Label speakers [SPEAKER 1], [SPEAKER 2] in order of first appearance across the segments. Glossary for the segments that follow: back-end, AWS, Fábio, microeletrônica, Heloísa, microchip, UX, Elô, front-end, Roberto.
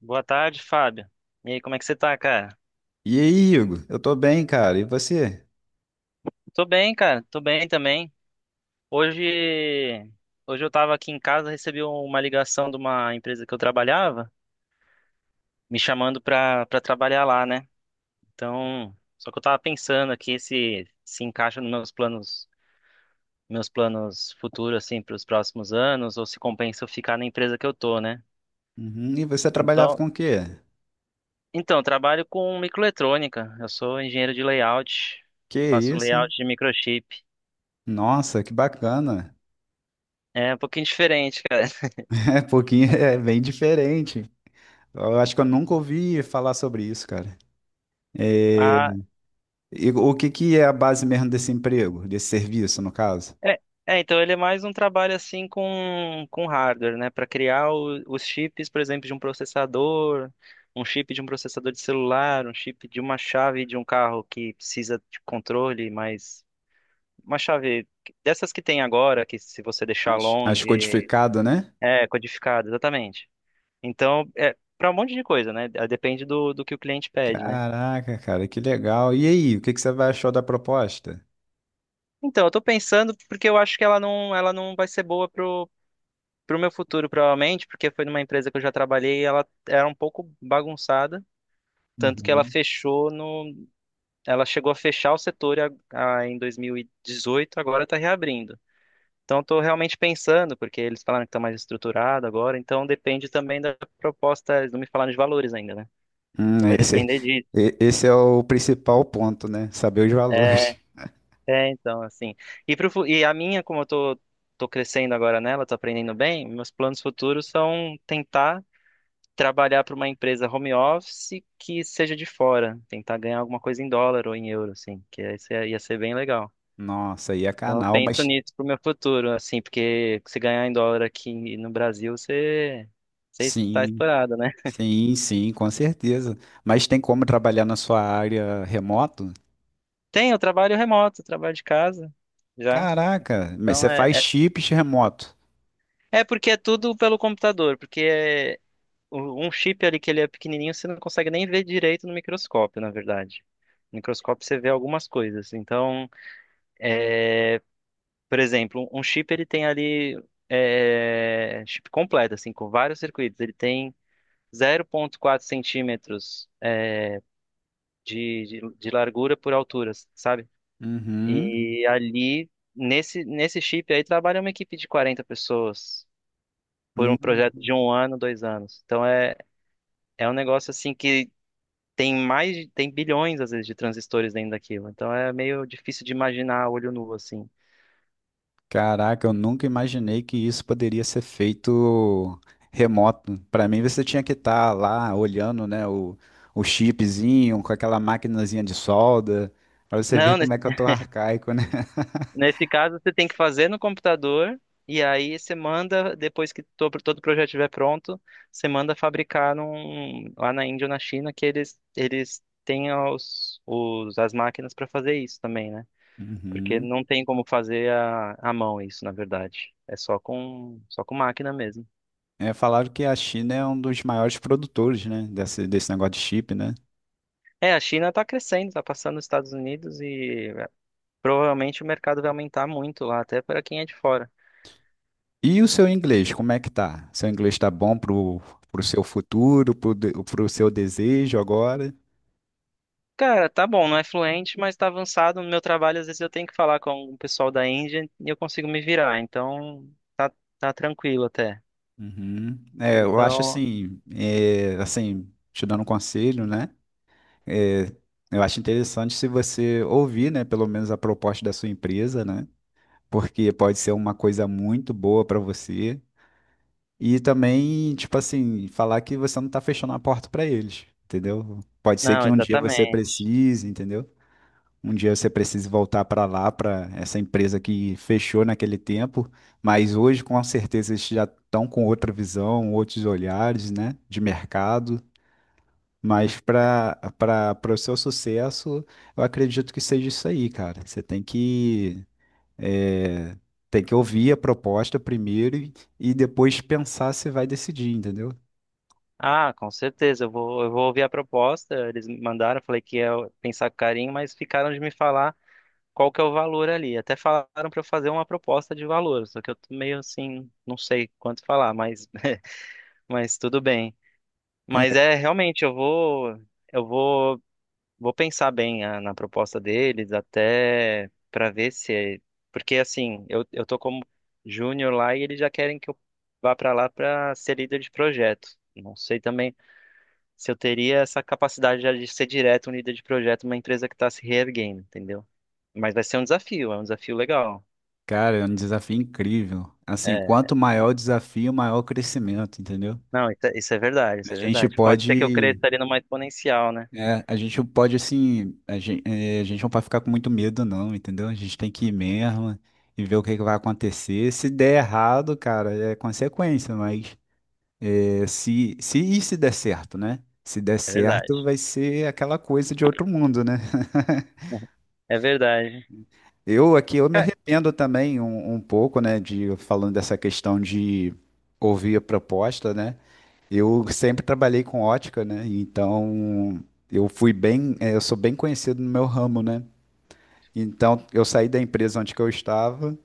[SPEAKER 1] Boa tarde, Fábio. E aí, como é que você tá, cara?
[SPEAKER 2] E aí, Hugo? Eu tô bem, cara. E você?
[SPEAKER 1] Tô bem, cara. Tô bem também. Hoje, hoje eu tava aqui em casa, recebi uma ligação de uma empresa que eu trabalhava, me chamando pra trabalhar lá, né? Então, só que eu tava pensando aqui se se encaixa nos meus planos futuros, assim, pros próximos anos, ou se compensa eu ficar na empresa que eu tô, né?
[SPEAKER 2] Uhum. E você trabalhava
[SPEAKER 1] Então,
[SPEAKER 2] com o quê?
[SPEAKER 1] então, eu trabalho com microeletrônica. Eu sou engenheiro de layout,
[SPEAKER 2] Que
[SPEAKER 1] faço
[SPEAKER 2] isso, hein?
[SPEAKER 1] layout de microchip.
[SPEAKER 2] Nossa, que bacana.
[SPEAKER 1] É um pouquinho diferente, cara.
[SPEAKER 2] É pouquinho, é bem diferente. Eu acho que eu nunca ouvi falar sobre isso, cara. É,
[SPEAKER 1] Ah,
[SPEAKER 2] E o que que é a base mesmo desse emprego, desse serviço, no caso?
[SPEAKER 1] é, então ele é mais um trabalho assim com hardware, né? Para criar os chips, por exemplo, de um processador, um chip de um processador de celular, um chip de uma chave de um carro que precisa de controle, mas uma chave dessas que tem agora, que se você deixar
[SPEAKER 2] As
[SPEAKER 1] longe,
[SPEAKER 2] codificado, né?
[SPEAKER 1] é codificado, exatamente. Então, é para um monte de coisa, né? É, depende do que o cliente pede, né?
[SPEAKER 2] Caraca, cara, que legal. E aí, o que que você vai achou da proposta?
[SPEAKER 1] Então, eu tô pensando porque eu acho que ela não vai ser boa pro meu futuro, provavelmente, porque foi numa empresa que eu já trabalhei e ela era um pouco bagunçada, tanto que ela
[SPEAKER 2] Uhum.
[SPEAKER 1] fechou no, ela chegou a fechar o setor em 2018, agora está reabrindo. Então, estou realmente pensando, porque eles falaram que está mais estruturado agora, então depende também da proposta, eles não me falaram de valores ainda, né?
[SPEAKER 2] Hum,
[SPEAKER 1] Então vai
[SPEAKER 2] esse,
[SPEAKER 1] depender disso.
[SPEAKER 2] esse é o principal ponto, né? Saber os
[SPEAKER 1] É,
[SPEAKER 2] valores.
[SPEAKER 1] então, assim. E, pro, fu- e a minha, como eu tô, tô crescendo agora nela, tô aprendendo bem, meus planos futuros são tentar trabalhar para uma empresa home office que seja de fora, tentar ganhar alguma coisa em dólar ou em euro, assim, que aí ia ser bem legal.
[SPEAKER 2] Nossa, aí é
[SPEAKER 1] Então eu
[SPEAKER 2] canal,
[SPEAKER 1] penso
[SPEAKER 2] mas
[SPEAKER 1] nisso pro meu futuro, assim, porque se ganhar em dólar aqui no Brasil, você está
[SPEAKER 2] sim,
[SPEAKER 1] estourado, né?
[SPEAKER 2] sim, sim, com certeza. Mas tem como trabalhar na sua área remoto?
[SPEAKER 1] Tem, eu trabalho remoto, eu trabalho de casa já.
[SPEAKER 2] Caraca, mas
[SPEAKER 1] Então
[SPEAKER 2] você
[SPEAKER 1] é,
[SPEAKER 2] faz
[SPEAKER 1] é,
[SPEAKER 2] chips remoto.
[SPEAKER 1] é porque é tudo pelo computador, um chip ali que ele é pequenininho, você não consegue nem ver direito no microscópio, na verdade. No microscópio você vê algumas coisas. Então, por exemplo, um chip ele tem ali, é, chip completo, assim, com vários circuitos. Ele tem 0,4 centímetros é, de largura por altura, sabe?
[SPEAKER 2] Uhum.
[SPEAKER 1] E ali, nesse chip aí, trabalha uma equipe de 40 pessoas por um projeto
[SPEAKER 2] Hum.
[SPEAKER 1] de 1 ano, 2 anos. É um negócio assim que tem bilhões, às vezes, de transistores dentro daquilo. Então é meio difícil de imaginar a olho nu, assim.
[SPEAKER 2] Caraca, eu nunca imaginei que isso poderia ser feito remoto. Para mim, você tinha que estar lá olhando, né, o chipzinho com aquela maquinazinha de solda, para você ver
[SPEAKER 1] Não,
[SPEAKER 2] como é que eu tô arcaico, né?
[SPEAKER 1] nesse caso, você tem que fazer no computador e aí você manda, depois que todo o projeto estiver pronto, você manda fabricar lá na Índia ou na China que eles têm as máquinas para fazer isso também, né? Porque
[SPEAKER 2] Uhum.
[SPEAKER 1] não tem como fazer a mão isso, na verdade. É só só com máquina mesmo.
[SPEAKER 2] Falaram que a China é um dos maiores produtores, né, desse negócio de chip, né?
[SPEAKER 1] É, a China está crescendo, está passando os Estados Unidos e provavelmente o mercado vai aumentar muito lá, até para quem é de fora.
[SPEAKER 2] E o seu inglês, como é que tá? Seu inglês tá bom pro seu futuro, pro seu desejo agora?
[SPEAKER 1] Cara, tá bom, não é fluente, mas tá avançado no meu trabalho. Às vezes eu tenho que falar com o pessoal da Índia e eu consigo me virar. Então, tá, tá tranquilo até.
[SPEAKER 2] Uhum. Eu acho
[SPEAKER 1] Então,
[SPEAKER 2] assim, assim, te dando um conselho, né? É, eu acho interessante se você ouvir, né, pelo menos a proposta da sua empresa, né? Porque pode ser uma coisa muito boa para você. E também, tipo assim, falar que você não tá fechando a porta pra eles, entendeu? Pode ser
[SPEAKER 1] não,
[SPEAKER 2] que um dia você
[SPEAKER 1] exatamente.
[SPEAKER 2] precise, entendeu? Um dia você precise voltar pra lá, pra essa empresa que fechou naquele tempo, mas hoje com certeza eles já estão com outra visão, outros olhares, né, de mercado. Mas para o seu sucesso, eu acredito que seja isso aí, cara. Você tem que é, tem que ouvir a proposta primeiro e depois pensar se vai decidir, entendeu?
[SPEAKER 1] Ah, com certeza. Eu vou ouvir a proposta. Eles me mandaram, eu falei que ia pensar com carinho, mas ficaram de me falar qual que é o valor ali. Até falaram pra eu fazer uma proposta de valor, só que eu tô meio assim, não sei quanto falar, mas, mas tudo bem. Mas
[SPEAKER 2] É,
[SPEAKER 1] é realmente, eu vou. Eu vou vou pensar bem na proposta deles até para ver se é... Porque assim, eu tô como júnior lá e eles já querem que eu vá para lá para ser líder de projeto. Não sei também se eu teria essa capacidade já de ser direto um líder de projeto numa empresa que está se reerguendo, entendeu? Mas vai ser um desafio, é um desafio legal.
[SPEAKER 2] Cara, é um desafio incrível. Assim,
[SPEAKER 1] É,
[SPEAKER 2] quanto maior o desafio, maior o crescimento, entendeu?
[SPEAKER 1] não, isso é verdade,
[SPEAKER 2] A
[SPEAKER 1] isso é
[SPEAKER 2] gente
[SPEAKER 1] verdade. Pode ser que eu
[SPEAKER 2] pode,
[SPEAKER 1] cresça ali numa exponencial, né?
[SPEAKER 2] a gente pode assim, a gente não pode ficar com muito medo, não, entendeu? A gente tem que ir mesmo e ver o que que vai acontecer. Se der errado, cara, é consequência, mas se der certo, né? Se der
[SPEAKER 1] É verdade.
[SPEAKER 2] certo, vai ser aquela coisa de outro mundo, né?
[SPEAKER 1] É verdade.
[SPEAKER 2] Eu aqui eu me
[SPEAKER 1] Ca-
[SPEAKER 2] arrependo também um pouco, né, de falando dessa questão de ouvir a proposta, né? Eu sempre trabalhei com ótica, né? Então eu sou bem conhecido no meu ramo, né? Então eu saí da empresa onde que eu estava,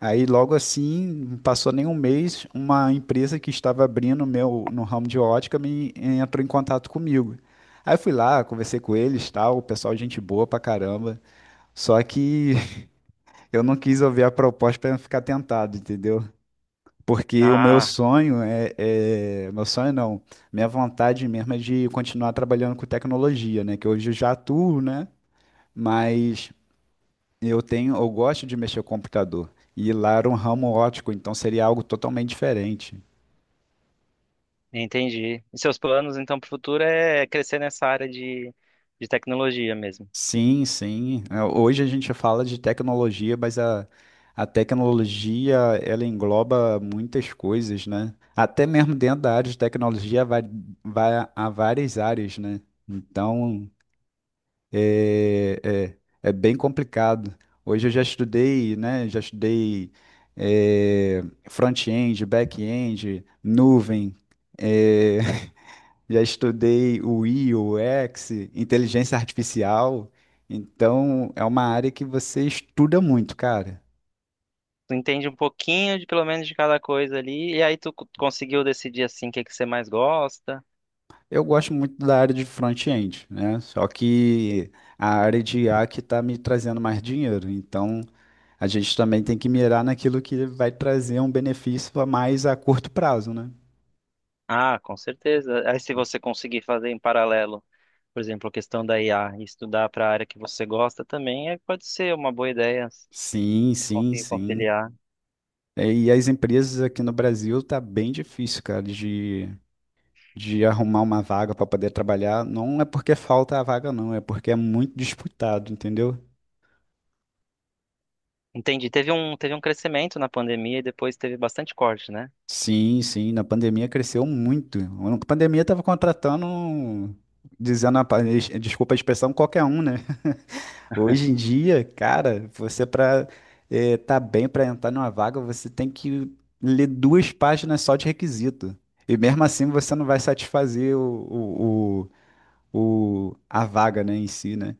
[SPEAKER 2] aí logo assim, não passou nem um mês, uma empresa que estava abrindo o meu no ramo de ótica me entrou em contato comigo. Aí eu fui lá, conversei com eles, tal, o pessoal gente boa pra caramba. Só que eu não quis ouvir a proposta para não ficar tentado, entendeu? Porque o meu
[SPEAKER 1] Ah,
[SPEAKER 2] sonho , meu sonho não. Minha vontade mesmo é de continuar trabalhando com tecnologia, né? Que hoje eu já atuo, né? Mas eu gosto de mexer com o computador. E lá era um ramo ótico, então seria algo totalmente diferente.
[SPEAKER 1] Entendi. E seus planos, então, para o futuro é crescer nessa área de tecnologia mesmo.
[SPEAKER 2] Sim, sim. Hoje a gente fala de tecnologia, mas a tecnologia ela engloba muitas coisas, né? Até mesmo dentro da área de tecnologia vai a várias áreas, né? Então é, é, é bem complicado. Hoje eu já estudei, né? Já estudei front-end, back-end, nuvem. é, já estudei o I, o UX, inteligência artificial. Então, é uma área que você estuda muito, cara.
[SPEAKER 1] Tu entende um pouquinho de pelo menos de cada coisa ali, e aí tu conseguiu decidir assim o que que você mais gosta.
[SPEAKER 2] Eu gosto muito da área de front-end, né? Só que a área de I a que está me trazendo mais dinheiro. Então, a gente também tem que mirar naquilo que vai trazer um benefício a mais a curto prazo, né?
[SPEAKER 1] Ah, com certeza. Aí se você conseguir fazer em paralelo, por exemplo, a questão da IA e estudar para a área que você gosta também, é, pode ser uma boa ideia assim,
[SPEAKER 2] Sim, sim,
[SPEAKER 1] conseguir
[SPEAKER 2] sim.
[SPEAKER 1] conciliar.
[SPEAKER 2] E as empresas aqui no Brasil tá bem difícil, cara, de arrumar uma vaga para poder trabalhar, não é porque falta a vaga, não, é porque é muito disputado, entendeu?
[SPEAKER 1] Entendi. Teve um crescimento na pandemia e depois teve bastante corte, né?
[SPEAKER 2] Sim, sim, na pandemia cresceu muito. Na pandemia tava contratando, dizendo desculpa a expressão, qualquer um, né? Hoje em dia, cara, você para tá bem para entrar numa vaga, você tem que ler duas páginas só de requisito. E mesmo assim você não vai satisfazer a vaga, né, em si, né?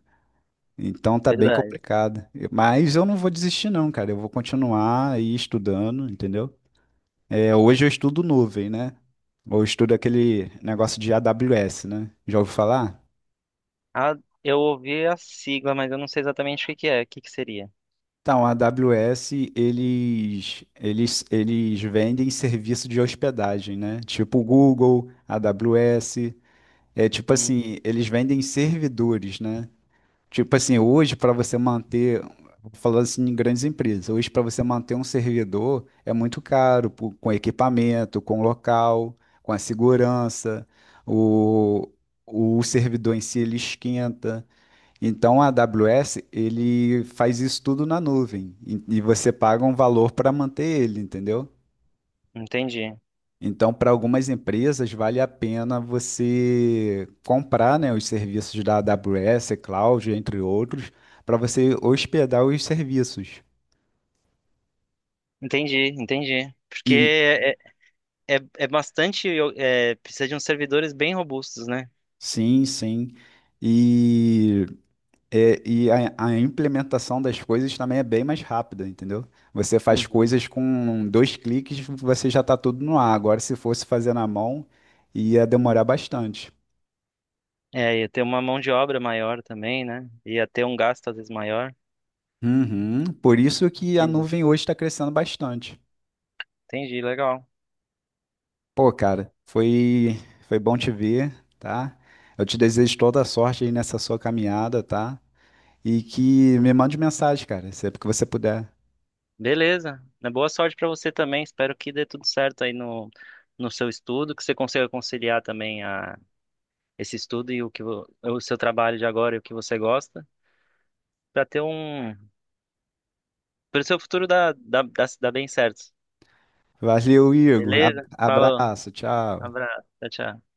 [SPEAKER 2] Então tá bem
[SPEAKER 1] Verdade.
[SPEAKER 2] complicado. Mas eu não vou desistir, não, cara. Eu vou continuar aí estudando, entendeu? Hoje eu estudo nuvem, né? Ou estudo aquele negócio de AWS, né? Já ouviu falar?
[SPEAKER 1] Ah, eu ouvi a sigla, mas eu não sei exatamente o que que é. O que que seria?
[SPEAKER 2] Então, a AWS, eles vendem serviço de hospedagem, né? Tipo Google, AWS. É tipo
[SPEAKER 1] Hum,
[SPEAKER 2] assim, eles vendem servidores, né? Tipo assim, hoje para você manter, falando assim em grandes empresas, hoje para você manter um servidor é muito caro, pô, com equipamento, com local, com a segurança, o, o servidor em si ele esquenta. Então a AWS ele faz isso tudo na nuvem e você paga um valor para manter ele, entendeu?
[SPEAKER 1] entendi.
[SPEAKER 2] Então, para algumas empresas, vale a pena você comprar, né, os serviços da AWS, Cloud, entre outros, para você hospedar os serviços.
[SPEAKER 1] Entendi, entendi. Porque
[SPEAKER 2] E
[SPEAKER 1] é bastante. É, precisa de uns servidores bem robustos, né?
[SPEAKER 2] sim, sim. E, e a implementação das coisas também é bem mais rápida, entendeu? Você faz
[SPEAKER 1] Uhum.
[SPEAKER 2] coisas com dois cliques, você já está tudo no ar. Agora, se fosse fazer na mão, ia demorar bastante.
[SPEAKER 1] É, ia ter uma mão de obra maior também, né? Ia ter um gasto às vezes maior.
[SPEAKER 2] Uhum. Por isso que a
[SPEAKER 1] Entendi.
[SPEAKER 2] nuvem hoje está crescendo bastante.
[SPEAKER 1] Entendi, legal.
[SPEAKER 2] Pô, cara, foi bom te ver, tá? Eu te desejo toda a sorte aí nessa sua caminhada, tá? E que me mande mensagem, cara, sempre que você puder.
[SPEAKER 1] Beleza, né? Boa sorte pra você também. Espero que dê tudo certo aí no, no seu estudo, que você consiga conciliar também esse estudo e o que o seu trabalho de agora e o que você gosta, para ter um pro seu futuro dá bem certo.
[SPEAKER 2] Valeu, Igor.
[SPEAKER 1] Beleza? Falou.
[SPEAKER 2] Abraço, tchau.
[SPEAKER 1] Abraço. Tchau, tchau.